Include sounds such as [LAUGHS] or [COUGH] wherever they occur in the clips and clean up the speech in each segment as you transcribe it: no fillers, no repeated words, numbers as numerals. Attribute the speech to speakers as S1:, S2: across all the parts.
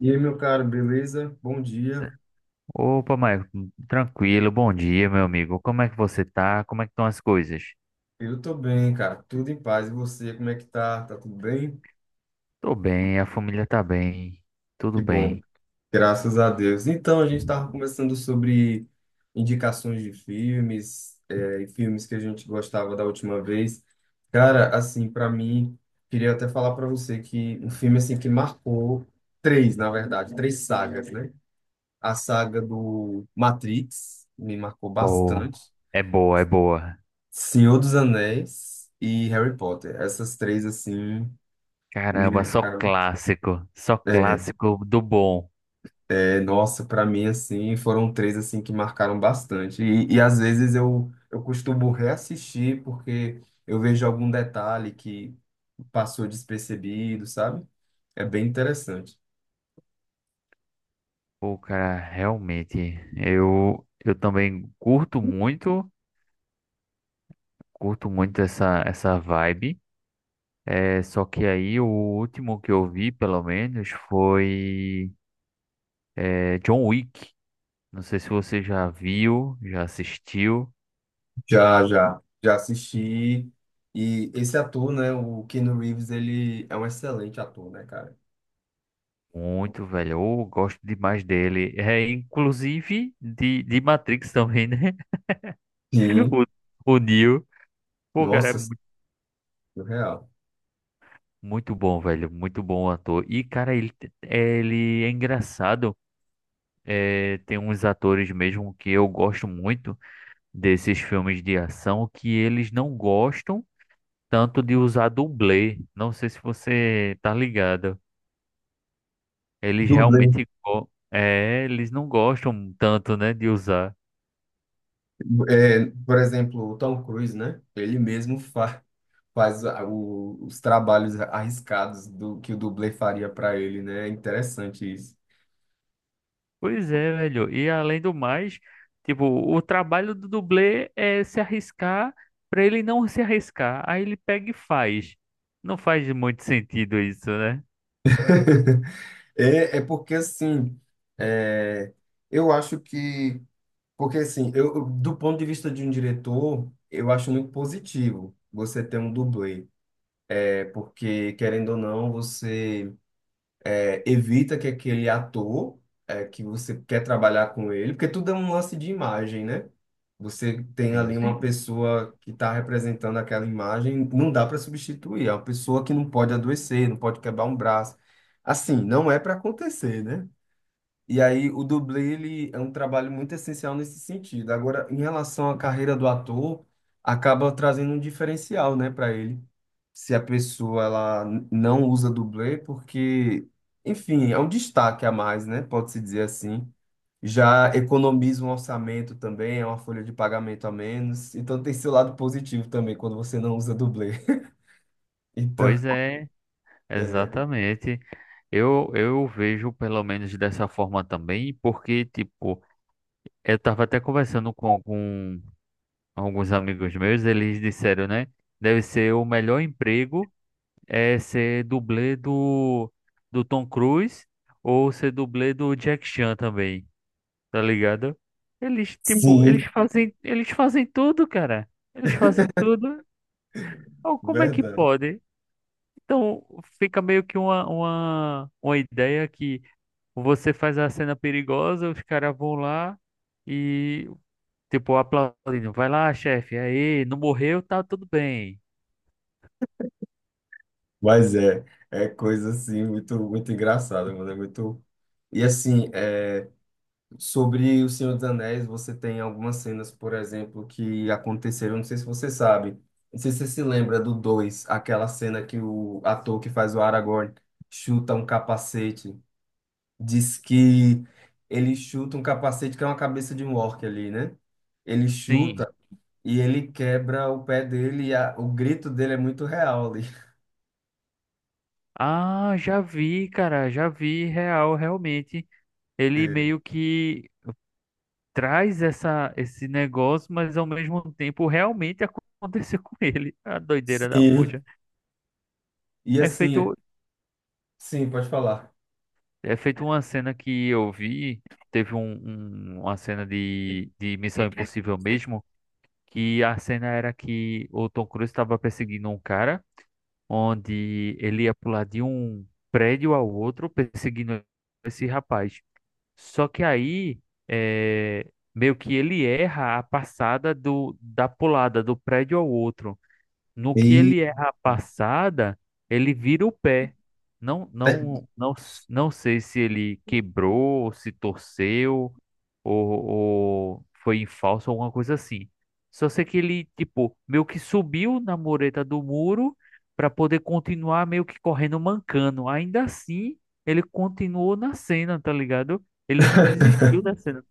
S1: E aí, meu caro, beleza? Bom dia.
S2: Opa, Maicon, tranquilo, bom dia, meu amigo. Como é que você tá? Como é que estão as coisas?
S1: Eu tô bem, cara. Tudo em paz. E você, como é que tá? Tá tudo bem?
S2: Tô bem, a família tá bem, tudo
S1: Que bom.
S2: bem.
S1: Graças a Deus. Então, a gente tava conversando sobre indicações de filmes, e filmes que a gente gostava da última vez. Cara, assim, pra mim, queria até falar pra você que um filme assim que marcou três, na verdade, três sagas, né? A saga do Matrix me marcou
S2: Boa.
S1: bastante.
S2: É boa, é boa.
S1: Senhor dos Anéis e Harry Potter. Essas três, assim, me
S2: Caramba,
S1: marcaram.
S2: só
S1: É,
S2: clássico do bom.
S1: nossa, para mim, assim, foram três, assim, que marcaram bastante. E, e às vezes eu costumo reassistir porque eu vejo algum detalhe que passou despercebido, sabe? É bem interessante.
S2: Pô, cara, realmente, eu também curto muito essa vibe. É, só que aí o último que eu vi, pelo menos, foi John Wick. Não sei se você já viu, já assistiu.
S1: Já, assisti. E esse ator, né, o Keanu Reeves, ele é um excelente ator, né, cara?
S2: Muito, velho. Eu gosto demais dele. É, inclusive de Matrix também, né? [LAUGHS]
S1: Sim.
S2: O Neo. Pô, cara, é
S1: Nossa,
S2: muito,
S1: surreal.
S2: muito bom, velho. Muito bom ator. E, cara, ele é engraçado. É, tem uns atores mesmo que eu gosto muito desses filmes de ação que eles não gostam tanto de usar dublê. Não sei se você tá ligado. Eles
S1: Dublê.
S2: realmente eles não gostam tanto, né, de usar.
S1: É, por exemplo, o Tom Cruise, né? Ele mesmo fa faz os trabalhos arriscados do que o dublê faria para ele, né? É interessante isso.
S2: Pois é, velho. E além do mais, tipo, o trabalho do dublê é se arriscar pra ele não se arriscar. Aí ele pega e faz. Não faz muito sentido isso, né?
S1: [LAUGHS] É, é porque assim, é, eu acho que, porque assim, do ponto de vista de um diretor, eu acho muito positivo você ter um dublê, é porque querendo ou não, você evita que aquele ator que você quer trabalhar com ele, porque tudo é um lance de imagem, né? Você tem ali
S2: Sim.
S1: uma Sim. pessoa que está representando aquela imagem, não dá para substituir. É uma pessoa que não pode adoecer, não pode quebrar um braço. Assim, não é para acontecer, né? E aí o dublê, ele é um trabalho muito essencial nesse sentido. Agora, em relação à carreira do ator, acaba trazendo um diferencial, né, para ele se a pessoa ela não usa dublê, porque, enfim, é um destaque a mais, né? Pode-se dizer assim. Já economiza um orçamento também, é uma folha de pagamento a menos. Então tem seu lado positivo também quando você não usa dublê. [LAUGHS] Então,
S2: Pois é,
S1: é,
S2: exatamente. Eu vejo pelo menos dessa forma também, porque, tipo, eu tava até conversando com alguns amigos meus, eles disseram, né? Deve ser o melhor emprego é ser dublê do Tom Cruise ou ser dublê do Jack Chan também, tá ligado? Eles, tipo,
S1: sim,
S2: eles fazem tudo, cara. Eles fazem tudo. Oh, como é que
S1: verdade.
S2: pode? Então, fica meio que uma ideia que você faz a cena perigosa, os caras vão lá e, tipo, aplaudindo. Vai lá, chefe, aí, não morreu, tá tudo bem.
S1: Mas é coisa assim muito engraçada, mano, é muito. E assim, é, sobre O Senhor dos Anéis, você tem algumas cenas, por exemplo, que aconteceram, não sei se você sabe, não sei se você se lembra do dois, aquela cena que o ator que faz o Aragorn chuta um capacete, diz que ele chuta um capacete que é uma cabeça de um orc ali, né? Ele
S2: Sim.
S1: chuta e ele quebra o pé dele e o grito dele é muito real ali.
S2: Ah, já vi, cara, já vi real, realmente. Ele meio
S1: [LAUGHS]
S2: que traz essa, esse negócio, mas ao mesmo tempo realmente aconteceu [LAUGHS] com ele. A doideira da puta.
S1: Sim. E
S2: É
S1: assim,
S2: feito,
S1: sim, pode falar.
S2: é feito uma cena que eu vi, teve um, uma cena de Missão Impossível mesmo, que a cena era que o Tom Cruise estava perseguindo um cara, onde ele ia pular de um prédio ao outro perseguindo esse rapaz. Só que aí, é, meio que ele erra a passada da pulada do prédio ao outro. No que
S1: E
S2: ele erra a passada, ele vira o pé. Não, não, não, não sei se ele quebrou, se torceu, ou foi em falso, alguma coisa assim. Só sei que ele, tipo, meio que subiu na mureta do muro para poder continuar meio que correndo mancando. Ainda assim, ele continuou na cena, tá ligado? Ele não desistiu
S1: [LAUGHS]
S2: da cena.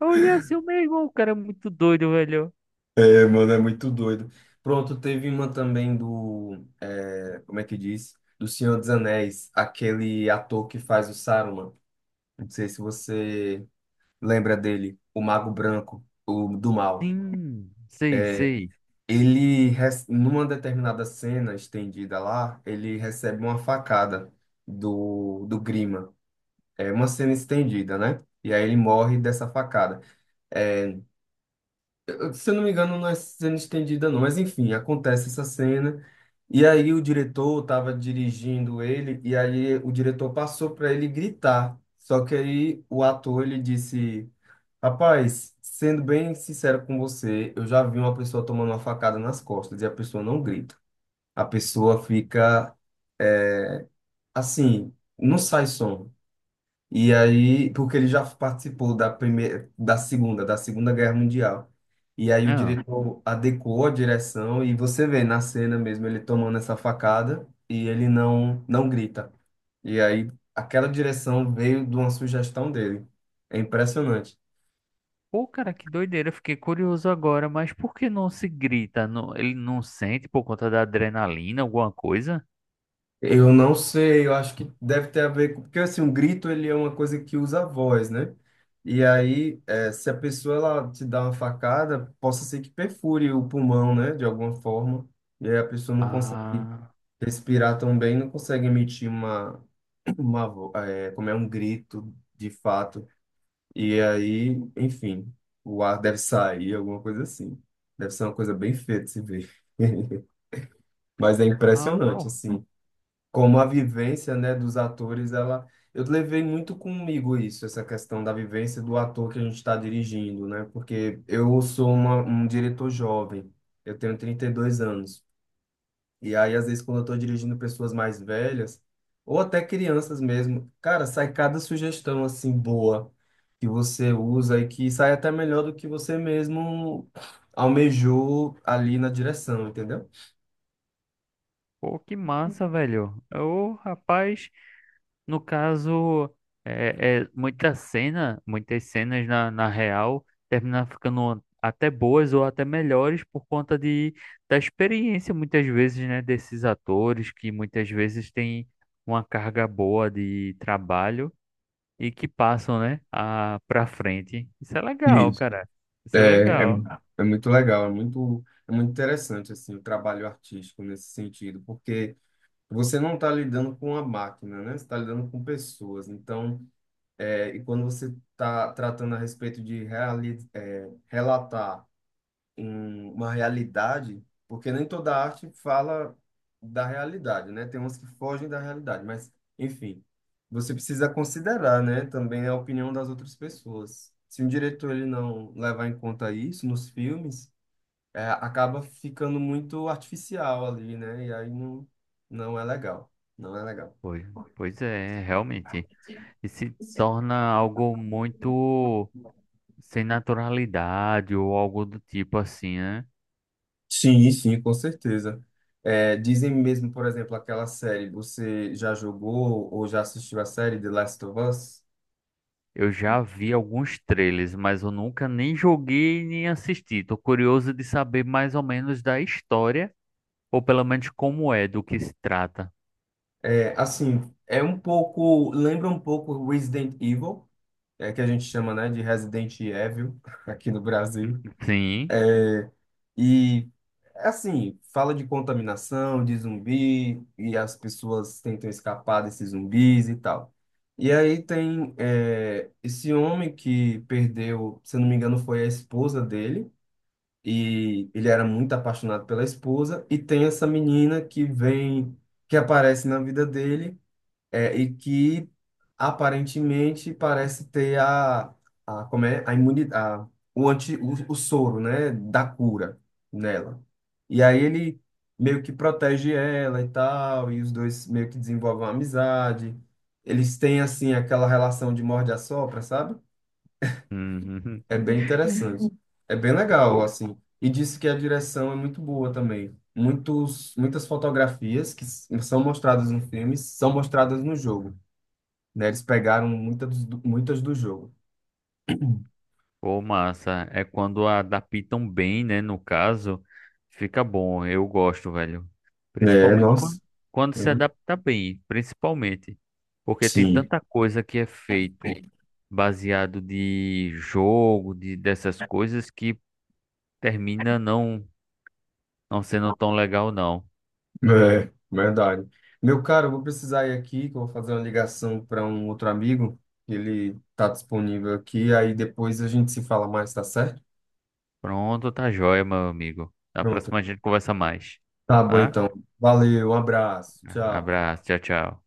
S2: Olha, assim, meu irmão, o cara é muito doido, velho.
S1: é, mano, é muito doido. Pronto, teve uma também do, é, como é que diz? Do Senhor dos Anéis, aquele ator que faz o Saruman. Não sei se você lembra dele, o Mago Branco, o do mal.
S2: Sim, sei,
S1: É,
S2: sei.
S1: ele, numa determinada cena estendida lá, ele recebe uma facada do Grima. É uma cena estendida, né? E aí ele morre dessa facada. É, se eu não me engano, não é cena estendida, não. Mas enfim, acontece essa cena. E aí o diretor estava dirigindo ele, e aí o diretor passou para ele gritar. Só que aí o ator ele disse: Rapaz, sendo bem sincero com você, eu já vi uma pessoa tomando uma facada nas costas e a pessoa não grita. A pessoa fica eh, assim, não sai som. E aí, porque ele já participou da primeira, da Segunda Guerra Mundial. E aí o
S2: Ah.
S1: diretor adequou a direção e você vê na cena mesmo ele tomando essa facada e ele não grita. E aí aquela direção veio de uma sugestão dele. É impressionante.
S2: Pô, cara, que doideira. Eu fiquei curioso agora, mas por que não se grita? Ele não sente por conta da adrenalina, alguma coisa?
S1: Eu não sei, eu acho que deve ter a ver com... Porque, assim, um grito, ele é uma coisa que usa a voz, né? E aí, se a pessoa, ela te dá uma facada, possa ser que perfure o pulmão, né? De alguma forma. E aí a pessoa não consegue
S2: Ah,
S1: respirar tão bem, não consegue emitir uma como é um grito, de fato. E aí, enfim, o ar deve sair, alguma coisa assim. Deve ser uma coisa bem feia de se ver. [LAUGHS] Mas é
S2: ah,
S1: impressionante,
S2: pô,
S1: assim como a vivência, né, dos atores, ela eu levei muito comigo isso, essa questão da vivência do ator que a gente está dirigindo, né? Porque eu sou um diretor jovem, eu tenho 32 anos. E aí, às vezes, quando eu estou dirigindo pessoas mais velhas, ou até crianças mesmo, cara, sai cada sugestão assim boa que você usa e que sai até melhor do que você mesmo almejou ali na direção, entendeu?
S2: que massa, velho. O rapaz, no caso, é muita cena, muitas cenas na real terminam ficando até boas ou até melhores por conta da experiência, muitas vezes, né, desses atores que muitas vezes têm uma carga boa de trabalho. E que passam, né, a, pra frente. Isso é legal, cara.
S1: É,
S2: Isso é
S1: é,
S2: legal.
S1: é muito legal, é muito interessante assim, o trabalho artístico nesse sentido, porque você não está lidando com a máquina, né? Você está lidando com pessoas. Então, e quando você está tratando a respeito de relatar uma realidade, porque nem toda arte fala da realidade, né? Tem umas que fogem da realidade, mas, enfim, você precisa considerar, né, também a opinião das outras pessoas. Se um diretor ele não levar em conta isso nos filmes, acaba ficando muito artificial ali, né? E aí não, não é legal. Não é legal.
S2: Pois, pois é, realmente. E se torna algo muito sem naturalidade ou algo do tipo assim, né?
S1: Sim, sim, com certeza. É, dizem mesmo, por exemplo, aquela série, você já jogou ou já assistiu a série The Last of Us?
S2: Eu já vi alguns trailers, mas eu nunca nem joguei nem assisti. Tô curioso de saber mais ou menos da história, ou pelo menos como é, do que se trata.
S1: É, assim, é um pouco, lembra um pouco Resident Evil, que a gente chama, né, de Resident Evil [LAUGHS] aqui no Brasil.
S2: Sim.
S1: E, assim, fala de contaminação, de zumbi, e as pessoas tentam escapar desses zumbis e tal. E aí tem, esse homem que perdeu, se eu não me engano, foi a esposa dele, e ele era muito apaixonado pela esposa, e tem essa menina que vem, que aparece na vida dele e que aparentemente parece ter como é, a imunidade, o soro, né, da cura nela. E aí ele meio que protege ela e tal, e os dois meio que desenvolvem uma amizade. Eles têm, assim, aquela relação de morde-a-sopra, sabe? É
S2: [LAUGHS]
S1: bem interessante. É bem legal,
S2: Uhum.
S1: assim. E disse que a direção é muito boa também. Muitas fotografias que são mostradas no filme são mostradas no jogo, né? Eles pegaram muitas do jogo.
S2: Pô, massa. É quando adaptam bem, né? No caso, fica bom. Eu gosto, velho.
S1: É,
S2: Principalmente
S1: nossa.
S2: quando se adapta bem, principalmente. Porque tem
S1: Sim,
S2: tanta coisa que é feito baseado de jogo, de dessas coisas que termina não, não sendo tão legal, não.
S1: é, verdade. Meu caro, eu vou precisar ir aqui, que eu vou fazer uma ligação para um outro amigo. Ele tá disponível aqui, aí depois a gente se fala mais, tá certo?
S2: Pronto, tá joia, meu amigo. Na
S1: Pronto.
S2: próxima a gente conversa mais.
S1: Tá bom
S2: Tá?
S1: então. Valeu, um abraço. Tchau.
S2: Abraço, tchau, tchau.